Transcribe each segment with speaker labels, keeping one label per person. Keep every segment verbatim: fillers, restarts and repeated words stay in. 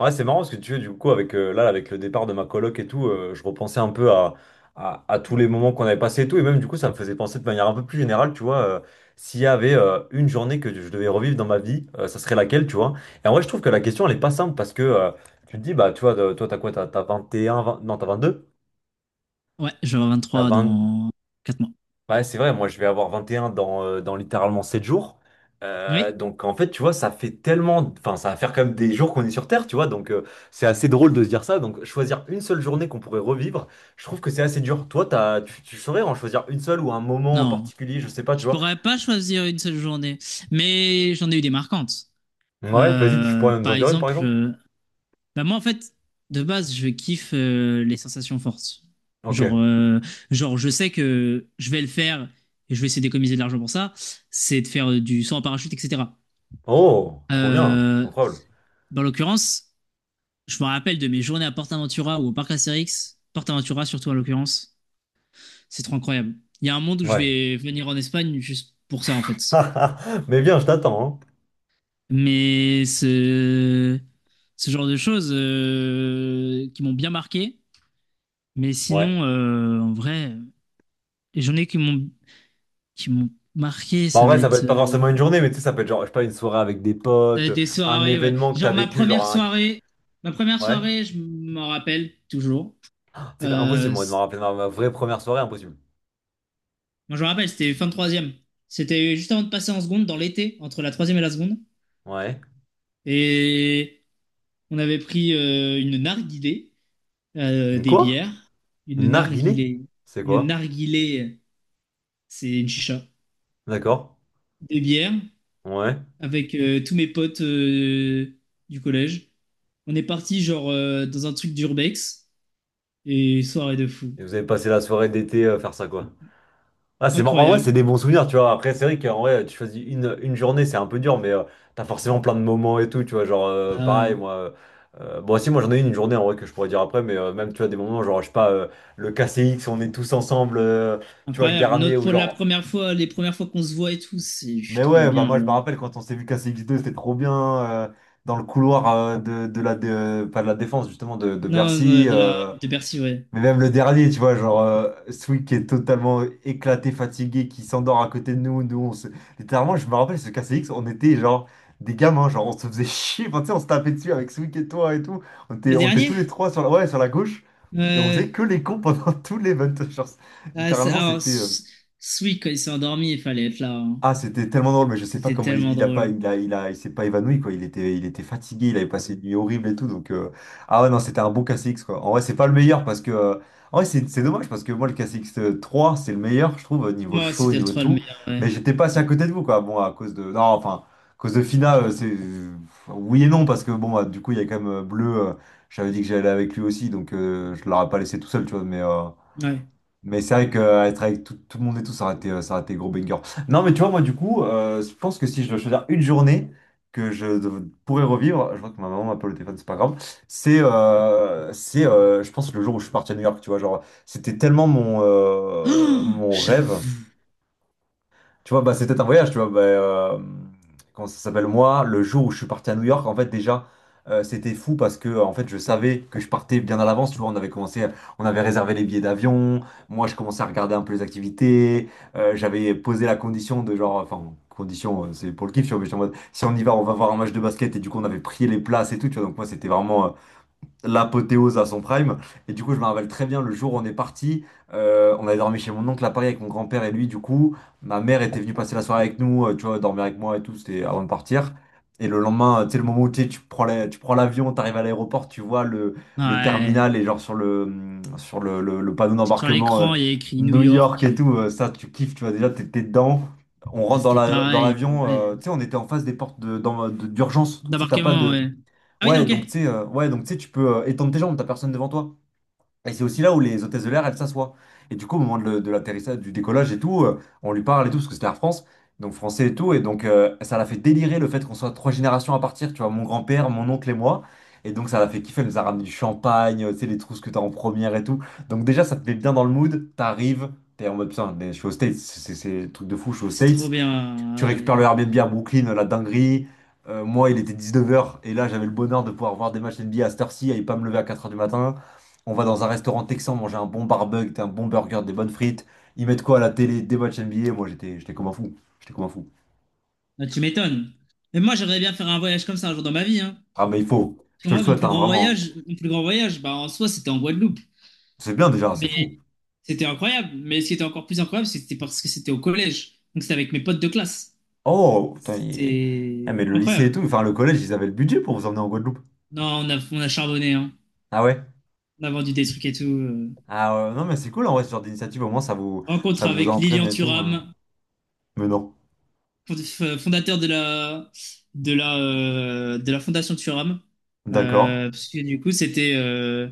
Speaker 1: Ouais, c'est marrant parce que tu veux, du coup, avec, euh, là, avec le départ de ma coloc et tout, euh, je repensais un peu à, à, à tous les moments qu'on avait passés et tout. Et même, du coup, ça me faisait penser de manière un peu plus générale, tu vois, euh, s'il y avait euh, une journée que je devais revivre dans ma vie, euh, ça serait laquelle, tu vois. Et en vrai, je trouve que la question, elle est pas simple parce que euh, tu te dis, bah, tu vois, de- toi, t'as quoi? T'as t'as vingt et un, vingt non, t'as vingt deux.
Speaker 2: Ouais, j'aurai
Speaker 1: T'as
Speaker 2: vingt-trois
Speaker 1: vingt.
Speaker 2: dans quatre mois.
Speaker 1: Ouais, c'est vrai, moi je vais avoir vingt et un dans, euh, dans littéralement sept jours. Euh,
Speaker 2: Oui,
Speaker 1: donc en fait, tu vois, ça fait tellement... Enfin, ça va faire quand même des jours qu'on est sur Terre, tu vois. Donc euh, c'est assez drôle de se dire ça. Donc choisir une seule journée qu'on pourrait revivre, je trouve que c'est assez dur. Toi, t'as, tu, tu saurais en choisir une seule ou un moment en
Speaker 2: non.
Speaker 1: particulier, je sais pas, tu
Speaker 2: Je
Speaker 1: vois.
Speaker 2: pourrais pas choisir une seule journée, mais j'en ai eu des marquantes.
Speaker 1: Ouais, vas-y, tu
Speaker 2: Euh,
Speaker 1: pourrais nous en
Speaker 2: par
Speaker 1: dire une par
Speaker 2: exemple,
Speaker 1: exemple?
Speaker 2: euh, bah moi en fait, de base, je kiffe euh, les sensations fortes.
Speaker 1: Ok.
Speaker 2: Genre, euh, genre, je sais que je vais le faire et je vais essayer d'économiser de l'argent pour ça. C'est de faire euh, du saut en parachute, et cetera.
Speaker 1: Oh, trop bien,
Speaker 2: Euh,
Speaker 1: incroyable.
Speaker 2: Dans l'occurrence, je me rappelle de mes journées à PortAventura ou au parc Astérix, PortAventura surtout en l'occurrence. C'est trop incroyable. Il y a un monde où je
Speaker 1: Ouais.
Speaker 2: vais venir en Espagne juste pour ça, en fait.
Speaker 1: Mais bien, je t'attends, hein.
Speaker 2: Mais ce, ce genre de choses euh, qui m'ont bien marqué. Mais
Speaker 1: Ouais.
Speaker 2: sinon, euh, en vrai, les journées qui m'ont qui m'ont marqué,
Speaker 1: Bah, en
Speaker 2: ça va
Speaker 1: vrai, ça peut
Speaker 2: être,
Speaker 1: être pas
Speaker 2: euh,
Speaker 1: forcément une journée, mais tu sais, ça peut être genre, je sais pas, une soirée avec des
Speaker 2: ça va
Speaker 1: potes,
Speaker 2: être des
Speaker 1: un
Speaker 2: soirées, ouais.
Speaker 1: événement que t'as
Speaker 2: Genre ma
Speaker 1: vécu, genre
Speaker 2: première
Speaker 1: un.
Speaker 2: soirée, ma première
Speaker 1: Ouais.
Speaker 2: soirée, je m'en rappelle toujours.
Speaker 1: C'est impossible,
Speaker 2: Euh,
Speaker 1: moi, de me
Speaker 2: c-
Speaker 1: rappeler ma, ma vraie première soirée, impossible.
Speaker 2: Moi, je me rappelle, c'était fin de troisième. C'était juste avant de passer en seconde, dans l'été, entre la troisième et la seconde.
Speaker 1: Ouais.
Speaker 2: Et on avait pris euh, une narguilé, euh,
Speaker 1: Une
Speaker 2: des
Speaker 1: quoi?
Speaker 2: bières. Une
Speaker 1: Une narguinée?
Speaker 2: narguilé.
Speaker 1: C'est
Speaker 2: Une
Speaker 1: quoi?
Speaker 2: narguilé, c'est une chicha.
Speaker 1: D'accord.
Speaker 2: Des bières
Speaker 1: Ouais.
Speaker 2: avec euh, tous mes potes euh, du collège. On est parti genre euh, dans un truc d'urbex et soirée de fou.
Speaker 1: Et vous avez passé la soirée d'été euh, faire ça, quoi. Ah, c'est marrant. En vrai, c'est
Speaker 2: Incroyable.
Speaker 1: des bons souvenirs, tu vois. Après, c'est vrai qu'en vrai, tu choisis une, une journée, c'est un peu dur, mais euh, t'as forcément plein de moments et tout, tu vois. Genre, euh,
Speaker 2: Ah ouais.
Speaker 1: pareil, moi. euh, euh, bon, si, moi, j'en ai une, une journée, en vrai, que je pourrais dire après, mais euh, même, tu vois, des moments, genre, je sais pas, euh, le K C X, on est tous ensemble, euh, tu vois, le
Speaker 2: Incroyable.
Speaker 1: dernier,
Speaker 2: Notre,
Speaker 1: ou
Speaker 2: pour la
Speaker 1: genre.
Speaker 2: première fois, les premières fois qu'on se voit et tout, c'est je suis
Speaker 1: Mais
Speaker 2: trop
Speaker 1: ouais, bah
Speaker 2: bien
Speaker 1: moi je
Speaker 2: là.
Speaker 1: me rappelle quand on s'est vu casser X deux, c'était trop bien euh, dans le couloir euh, de, de la de- pas de la défense justement de, de
Speaker 2: Non,
Speaker 1: Bercy.
Speaker 2: non, de la
Speaker 1: Euh,
Speaker 2: de Bercy, ouais.
Speaker 1: mais même le dernier, tu vois, genre euh, Sweet qui est totalement éclaté, fatigué, qui s'endort à côté de nous. Nous, on se... littéralement, je me rappelle ce casser X, on était genre des gamins, genre on se faisait chier. Enfin, tu sais, on se tapait dessus avec Sweet et toi et tout. On était,
Speaker 2: Le
Speaker 1: on était tous
Speaker 2: dernier?
Speaker 1: les trois sur la, ouais, sur la gauche et on
Speaker 2: Euh,
Speaker 1: faisait que les cons pendant tout l'event. Genre,
Speaker 2: ah, c'est-
Speaker 1: littéralement,
Speaker 2: alors,
Speaker 1: c'était. euh,
Speaker 2: s- Sweet, quand il s'est endormi, il fallait être là, hein.
Speaker 1: ah, c'était tellement drôle, mais je sais pas
Speaker 2: C'était
Speaker 1: comment il,
Speaker 2: tellement
Speaker 1: il a pas,
Speaker 2: drôle.
Speaker 1: il a, il a, il s'est pas évanoui, quoi. Il était, il était fatigué, il avait passé une nuit horrible et tout. Donc, euh, ah ouais, non, c'était un bon K C X, quoi. En vrai, c'est pas le meilleur parce que, euh, en vrai, c'est c'est dommage parce que moi, le K C X trois c'est le meilleur, je trouve, niveau
Speaker 2: Moi,
Speaker 1: show,
Speaker 2: c'était le
Speaker 1: niveau
Speaker 2: trois le
Speaker 1: tout.
Speaker 2: meilleur, ouais.
Speaker 1: Mais j'étais pas assez à côté de vous, quoi. Bon, à cause de, non, enfin, à cause de Fina, euh, c'est, euh, oui et non, parce que bon, bah, du coup, il y a quand même euh, Bleu, euh, j'avais dit que j'allais avec lui aussi, donc euh, je l'aurais pas laissé tout seul, tu vois. Mais, euh,
Speaker 2: Ouais.
Speaker 1: mais c'est vrai qu'être avec tout, tout le monde et tout, ça aurait été, euh, ça aurait été gros banger. Non, mais tu vois, moi, du coup, euh, je pense que si je dois choisir une journée que je dev- pourrais revivre, je vois que ma maman m'appelle au téléphone, c'est pas grave, c'est, euh, c'est euh, je pense, le jour où je suis parti à New York, tu vois, genre, c'était tellement mon, euh,
Speaker 2: Oh,
Speaker 1: mon rêve.
Speaker 2: j'avoue.
Speaker 1: Tu vois, bah, c'était un voyage, tu vois. Bah, euh, comment ça s'appelle, moi, le jour où je suis parti à New York, en fait, déjà, euh, c'était fou parce que, euh, en fait, je savais que je partais bien à l'avance. Tu vois, on avait commencé, on avait réservé les billets d'avion. Moi, je commençais à regarder un peu les activités. Euh, j'avais posé la condition de genre, enfin, condition, euh, c'est pour le kiff, tu vois, mais j'étais en mode, si on y va, on va voir un match de basket. Et du coup, on avait prié les places et tout, tu vois. Donc, moi, c'était vraiment. euh, l'apothéose à son prime. Et du coup, je me rappelle très bien le jour où on est parti. Euh, on avait dormi chez mon oncle à Paris avec mon grand-père et lui. Du coup, ma mère était venue passer la soirée avec nous, euh, tu vois, dormir avec moi et tout. C'était avant de partir. Et le lendemain, euh, tu sais, le moment où tu sais, tu prends la- tu prends l'avion, tu arrives à l'aéroport, tu vois le, le
Speaker 2: Ouais.
Speaker 1: terminal et genre sur le, hum, sur le, le- le panneau
Speaker 2: Sur
Speaker 1: d'embarquement euh,
Speaker 2: l'écran, il y a écrit New
Speaker 1: New York
Speaker 2: York.
Speaker 1: et
Speaker 2: euh,
Speaker 1: tout, euh, ça, tu kiffes, tu vois, déjà, t'es t'es dedans. On rentre dans
Speaker 2: C'était
Speaker 1: la, dans
Speaker 2: pareil. euh,
Speaker 1: l'avion,
Speaker 2: Ouais.
Speaker 1: euh, tu sais, on était en face des portes de- dans- de- d'urgence. Tu sais, t'as pas
Speaker 2: D'embarquement,
Speaker 1: de.
Speaker 2: ouais. Ah oui, non,
Speaker 1: Ouais,
Speaker 2: ok.
Speaker 1: donc tu sais, euh, ouais, donc tu sais, tu peux euh, étendre tes jambes, t'as personne devant toi. Et c'est aussi là où les hôtesses de l'air, elles s'assoient. Et du coup, au moment de, le- de l'atterrissage, du décollage et tout, euh, on lui parle et tout, parce que c'était Air France, donc français et tout. Et donc, euh, ça l'a fait délirer le fait qu'on soit trois générations à partir, tu vois, mon grand-père, mon oncle et moi. Et donc, ça l'a fait kiffer, elle nous a ramené du champagne, euh, tu sais, les trousses que t'as en première et tout. Donc, déjà, ça te met bien dans le mood, t'arrives, t'es en mode, putain, mais je suis aux States, c'est c'est- c'est le truc de fou, je suis aux
Speaker 2: C'est trop
Speaker 1: States.
Speaker 2: bien,
Speaker 1: Tu récupères le
Speaker 2: ouais.
Speaker 1: Airbnb à Brooklyn, la dinguerie. Euh, moi, il était dix-neuf heures et là, j'avais le bonheur de pouvoir voir des matchs N B A à cette heure-ci et pas me lever à quatre heures du matin. On va dans un restaurant texan manger un bon barbecue, un bon burger, des bonnes frites. Ils mettent quoi à la télé? Des matchs N B A. Moi, j'étais, j'étais comme un fou. J'étais comme un fou.
Speaker 2: Ah, tu m'étonnes. Mais moi, j'aimerais bien faire un voyage comme ça un jour dans ma vie, hein.
Speaker 1: Ah, mais il faut.
Speaker 2: Parce
Speaker 1: Je
Speaker 2: que
Speaker 1: te le
Speaker 2: moi, mon
Speaker 1: souhaite,
Speaker 2: plus
Speaker 1: hein,
Speaker 2: grand
Speaker 1: vraiment.
Speaker 2: voyage, mon plus grand voyage, bah, en soi, c'était en Guadeloupe.
Speaker 1: C'est bien déjà, c'est fou.
Speaker 2: Mais c'était incroyable. Mais ce qui était encore plus incroyable, c'était parce que c'était au collège. Donc, c'était avec mes potes de classe.
Speaker 1: Oh, putain, il- eh,
Speaker 2: C'était
Speaker 1: mais le lycée et
Speaker 2: incroyable.
Speaker 1: tout, enfin le collège, ils avaient le budget pour vous emmener en Guadeloupe.
Speaker 2: Non, on a, on a charbonné, hein.
Speaker 1: Ah ouais?
Speaker 2: On a vendu des trucs et tout. euh.
Speaker 1: Ah ouais, non, mais c'est cool en vrai, ce genre d'initiative. Au moins, ça vous, ça
Speaker 2: Rencontre
Speaker 1: vous
Speaker 2: avec
Speaker 1: entraîne
Speaker 2: Lilian
Speaker 1: et tout, hein.
Speaker 2: Thuram,
Speaker 1: Mais non.
Speaker 2: fond- f- fondateur de la, de la, euh, de la Fondation Thuram.
Speaker 1: D'accord.
Speaker 2: Euh, parce que du coup, c'était euh,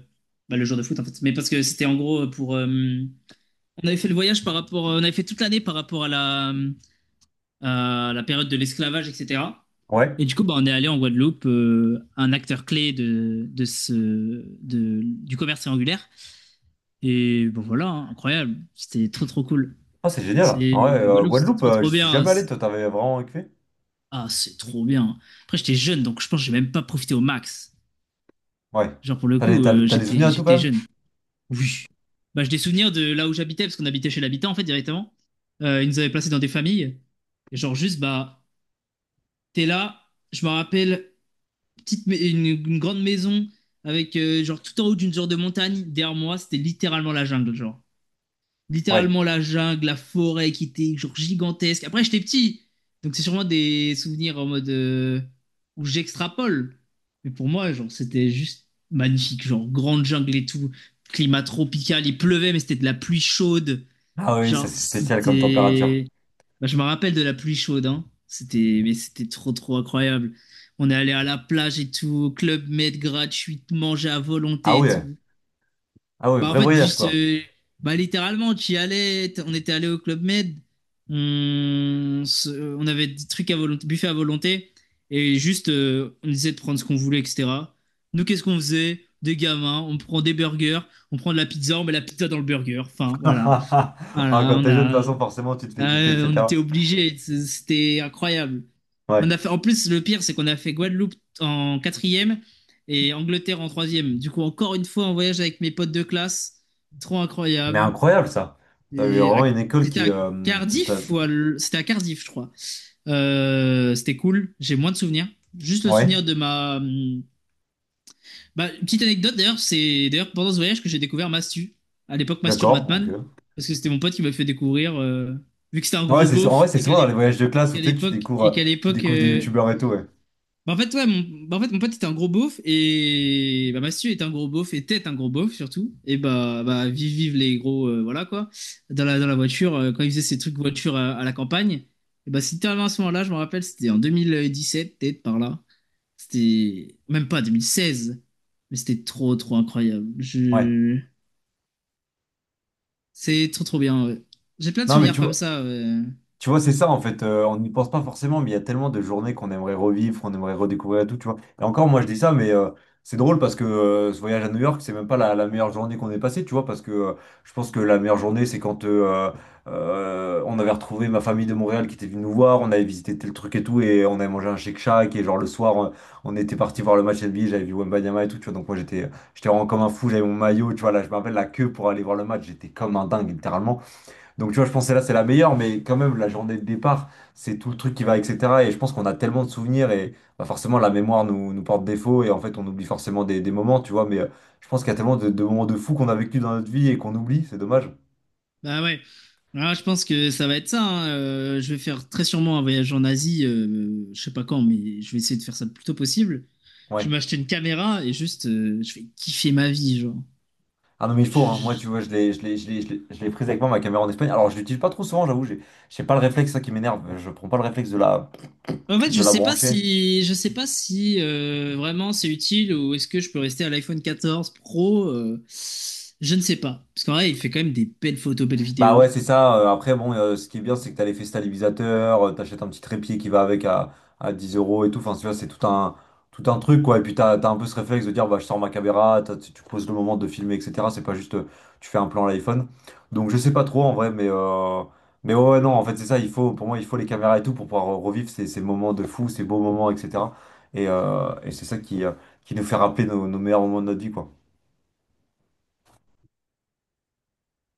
Speaker 2: bah, le jour de foot en fait. Mais parce que c'était en gros pour. euh, On avait fait le voyage par rapport. On avait fait toute l'année par rapport à la, à la période de l'esclavage, et cetera.
Speaker 1: Ouais.
Speaker 2: Et du coup, bah, on est allé en Guadeloupe, euh, un acteur clé de, de ce, de, du commerce triangulaire. Et bon, voilà, hein, incroyable. C'était trop, trop cool.
Speaker 1: Ah, c'est génial.
Speaker 2: C'est
Speaker 1: En vrai,
Speaker 2: la
Speaker 1: euh,
Speaker 2: Guadeloupe, c'était
Speaker 1: Guadeloupe,
Speaker 2: trop,
Speaker 1: euh,
Speaker 2: trop
Speaker 1: j'y suis
Speaker 2: bien.
Speaker 1: jamais allé.
Speaker 2: C'est-
Speaker 1: Toi, t'avais vraiment kiffé?
Speaker 2: Ah, c'est trop bien. Après, j'étais jeune, donc je pense que j'ai même pas profité au max.
Speaker 1: Ouais.
Speaker 2: Genre, pour le
Speaker 1: T'as des,
Speaker 2: coup,
Speaker 1: t'as,
Speaker 2: euh,
Speaker 1: t'as des
Speaker 2: j'étais,
Speaker 1: souvenirs et tout quand
Speaker 2: j'étais
Speaker 1: même?
Speaker 2: jeune. Oui. Bah, j'ai des souvenirs de là où j'habitais, parce qu'on habitait chez l'habitant, en fait, directement. Euh, ils nous avaient placés dans des familles. Et genre, juste, bah, t'es là. Je me rappelle, petite, mais- une, une grande maison avec, euh, genre, tout en haut d'une genre de montagne. Derrière moi, c'était littéralement la jungle, genre.
Speaker 1: Ouais.
Speaker 2: Littéralement la jungle, la forêt qui était genre gigantesque. Après, j'étais petit, donc c'est sûrement des souvenirs en mode euh, où j'extrapole. Mais pour moi, genre, c'était juste magnifique, genre grande jungle et tout, climat tropical, il pleuvait, mais c'était de la pluie chaude.
Speaker 1: Ah oui, ça
Speaker 2: Genre,
Speaker 1: c'est spécial comme température.
Speaker 2: c'était. Bah, je me rappelle de la pluie chaude, hein. C'était, mais c'était trop, trop incroyable. On est allé à la plage et tout, au club med gratuit, manger à
Speaker 1: Ah
Speaker 2: volonté et
Speaker 1: ouais.
Speaker 2: tout.
Speaker 1: Ah ouais,
Speaker 2: Bah, en
Speaker 1: vrai
Speaker 2: fait,
Speaker 1: voyage
Speaker 2: juste,
Speaker 1: quoi.
Speaker 2: euh, bah, littéralement, tu y allais, t- on était allé au Club Med, on, se- on avait des trucs à volonté, buffet à volonté, et juste, euh, on essayait de prendre ce qu'on voulait, et cetera. Nous, qu'est-ce qu'on faisait? Des gamins, on prend des burgers, on prend de la pizza, on met la pizza dans le burger. Enfin, voilà. Voilà,
Speaker 1: Ah, quand
Speaker 2: on
Speaker 1: t'es jeune, de toute
Speaker 2: a,
Speaker 1: façon, forcément, tu te fais kiffer,
Speaker 2: euh, on était
Speaker 1: et cetera.
Speaker 2: obligés, c- c'était incroyable.
Speaker 1: Ouais.
Speaker 2: On a fait, en plus, le pire, c'est qu'on a fait Guadeloupe en quatrième et Angleterre en troisième. Du coup, encore une fois, en voyage avec mes potes de classe. Trop
Speaker 1: Mais
Speaker 2: incroyable.
Speaker 1: incroyable ça. T'avais
Speaker 2: Et à-
Speaker 1: vraiment une école
Speaker 2: C'était
Speaker 1: qui,
Speaker 2: à
Speaker 1: euh, qui se la...
Speaker 2: Cardiff ou à l- C'était à Cardiff, je crois. Euh, c'était cool. J'ai moins de souvenirs. Juste le
Speaker 1: Ouais,
Speaker 2: souvenir de ma. Hum, Bah, une petite anecdote d'ailleurs, c'est d'ailleurs pendant ce voyage que j'ai découvert Mastu. À l'époque, Mastur
Speaker 1: d'accord. Ok.
Speaker 2: Batman. Parce que c'était mon pote qui m'a fait découvrir. euh, Vu que c'était un
Speaker 1: Ouais,
Speaker 2: gros
Speaker 1: c'est, en
Speaker 2: beauf
Speaker 1: vrai, c'est
Speaker 2: et qu'à
Speaker 1: souvent dans les
Speaker 2: l'ép-
Speaker 1: voyages de
Speaker 2: et
Speaker 1: classe où
Speaker 2: qu'à
Speaker 1: tu sais, tu
Speaker 2: l'époque.
Speaker 1: découvres,
Speaker 2: Et
Speaker 1: euh,
Speaker 2: qu'à
Speaker 1: tu
Speaker 2: l'époque.
Speaker 1: découvres des
Speaker 2: Euh,
Speaker 1: youtubeurs et tout, ouais.
Speaker 2: bah, en fait, ouais, mon... bah, en fait, Mon pote était un gros beauf et bah, Massieu était un gros beauf et était un gros beauf surtout. Et bah, bah vive, vive les gros, euh, voilà quoi. Dans la, dans la voiture, euh, quand il faisait ses trucs voiture à, à la campagne, et bah, c'était à ce moment-là, je me rappelle, c'était en deux mille dix-sept, peut-être par là. C'était même pas deux mille seize, mais c'était trop, trop incroyable.
Speaker 1: Ouais.
Speaker 2: Je... C'est trop, trop bien, ouais. J'ai plein de
Speaker 1: Non, mais
Speaker 2: souvenirs
Speaker 1: tu,
Speaker 2: comme ça, ouais.
Speaker 1: Tu vois, c'est ça en fait, euh, on n'y pense pas forcément, mais il y a tellement de journées qu'on aimerait revivre, qu'on aimerait redécouvrir et tout, tu vois. Et encore, moi je dis ça, mais euh, c'est drôle parce que euh, ce voyage à New York, c'est même pas la, la meilleure journée qu'on ait passée, tu vois, parce que euh, je pense que la meilleure journée, c'est quand euh, euh, on avait retrouvé ma famille de Montréal qui était venue nous voir, on avait visité tel truc et tout, et on avait mangé un Shake Shack, et genre le soir, on, on était parti voir le match N B A, j'avais vu Wembanyama et tout, tu vois, donc moi j'étais j'étais vraiment comme un fou, j'avais mon maillot, tu vois, là je me rappelle la queue pour aller voir le match, j'étais comme un dingue, littéralement. Donc tu vois, je pense que là, c'est la meilleure, mais quand même, la journée de départ, c'est tout le truc qui va, et cetera. Et je pense qu'on a tellement de souvenirs et bah, forcément, la mémoire nous, nous porte défaut et en fait, on oublie forcément des, des moments, tu vois. Mais euh, je pense qu'il y a tellement de, de moments de fou qu'on a vécu dans notre vie et qu'on oublie, c'est dommage.
Speaker 2: Bah ouais. Ah, je pense que ça va être ça, hein. Euh, je vais faire très sûrement un voyage en Asie, euh, je sais pas quand, mais je vais essayer de faire ça le plus tôt possible.
Speaker 1: Ouais.
Speaker 2: Je vais m'acheter une caméra et juste, euh, je vais kiffer ma vie, genre.
Speaker 1: Ah non, mais il faut,
Speaker 2: Je-
Speaker 1: hein. Moi, tu
Speaker 2: je-
Speaker 1: vois, je l'ai, je l'ai, je l'ai, je l'ai je l'ai prise avec moi, ma caméra en Espagne. Alors, je l'utilise pas trop souvent, j'avoue, j'ai j'ai pas le réflexe, ça qui m'énerve. Je prends pas le réflexe de la,
Speaker 2: En fait,
Speaker 1: de
Speaker 2: je
Speaker 1: la
Speaker 2: sais pas
Speaker 1: brancher.
Speaker 2: si, je sais pas si euh, vraiment c'est utile ou est-ce que je peux rester à l'iPhone quatorze Pro. euh, Je ne sais pas, parce qu'en vrai, il fait quand même des belles photos, belles
Speaker 1: Bah ouais,
Speaker 2: vidéos.
Speaker 1: c'est ça. Euh, Après, bon, euh, ce qui est bien, c'est que t'as l'effet stabilisateur, euh, t'achètes un petit trépied qui va avec à, à dix euros et tout. Enfin, tu vois, c'est tout un, tout un truc, quoi. Et puis, t'as, t'as un peu ce réflexe de dire, bah, je sors ma caméra, t'as- tu tu poses le moment de filmer, et cetera. C'est pas juste, euh, tu fais un plan à l'iPhone. Donc, je sais pas trop, en vrai, mais, euh, mais ouais, ouais, non, en fait, c'est ça. Il faut, pour moi, il faut les caméras et tout pour pouvoir euh, revivre ces, ces moments de fou, ces beaux moments, et cetera. Et, euh, et c'est ça qui, euh, qui nous fait rappeler nos, nos meilleurs moments de notre vie, quoi.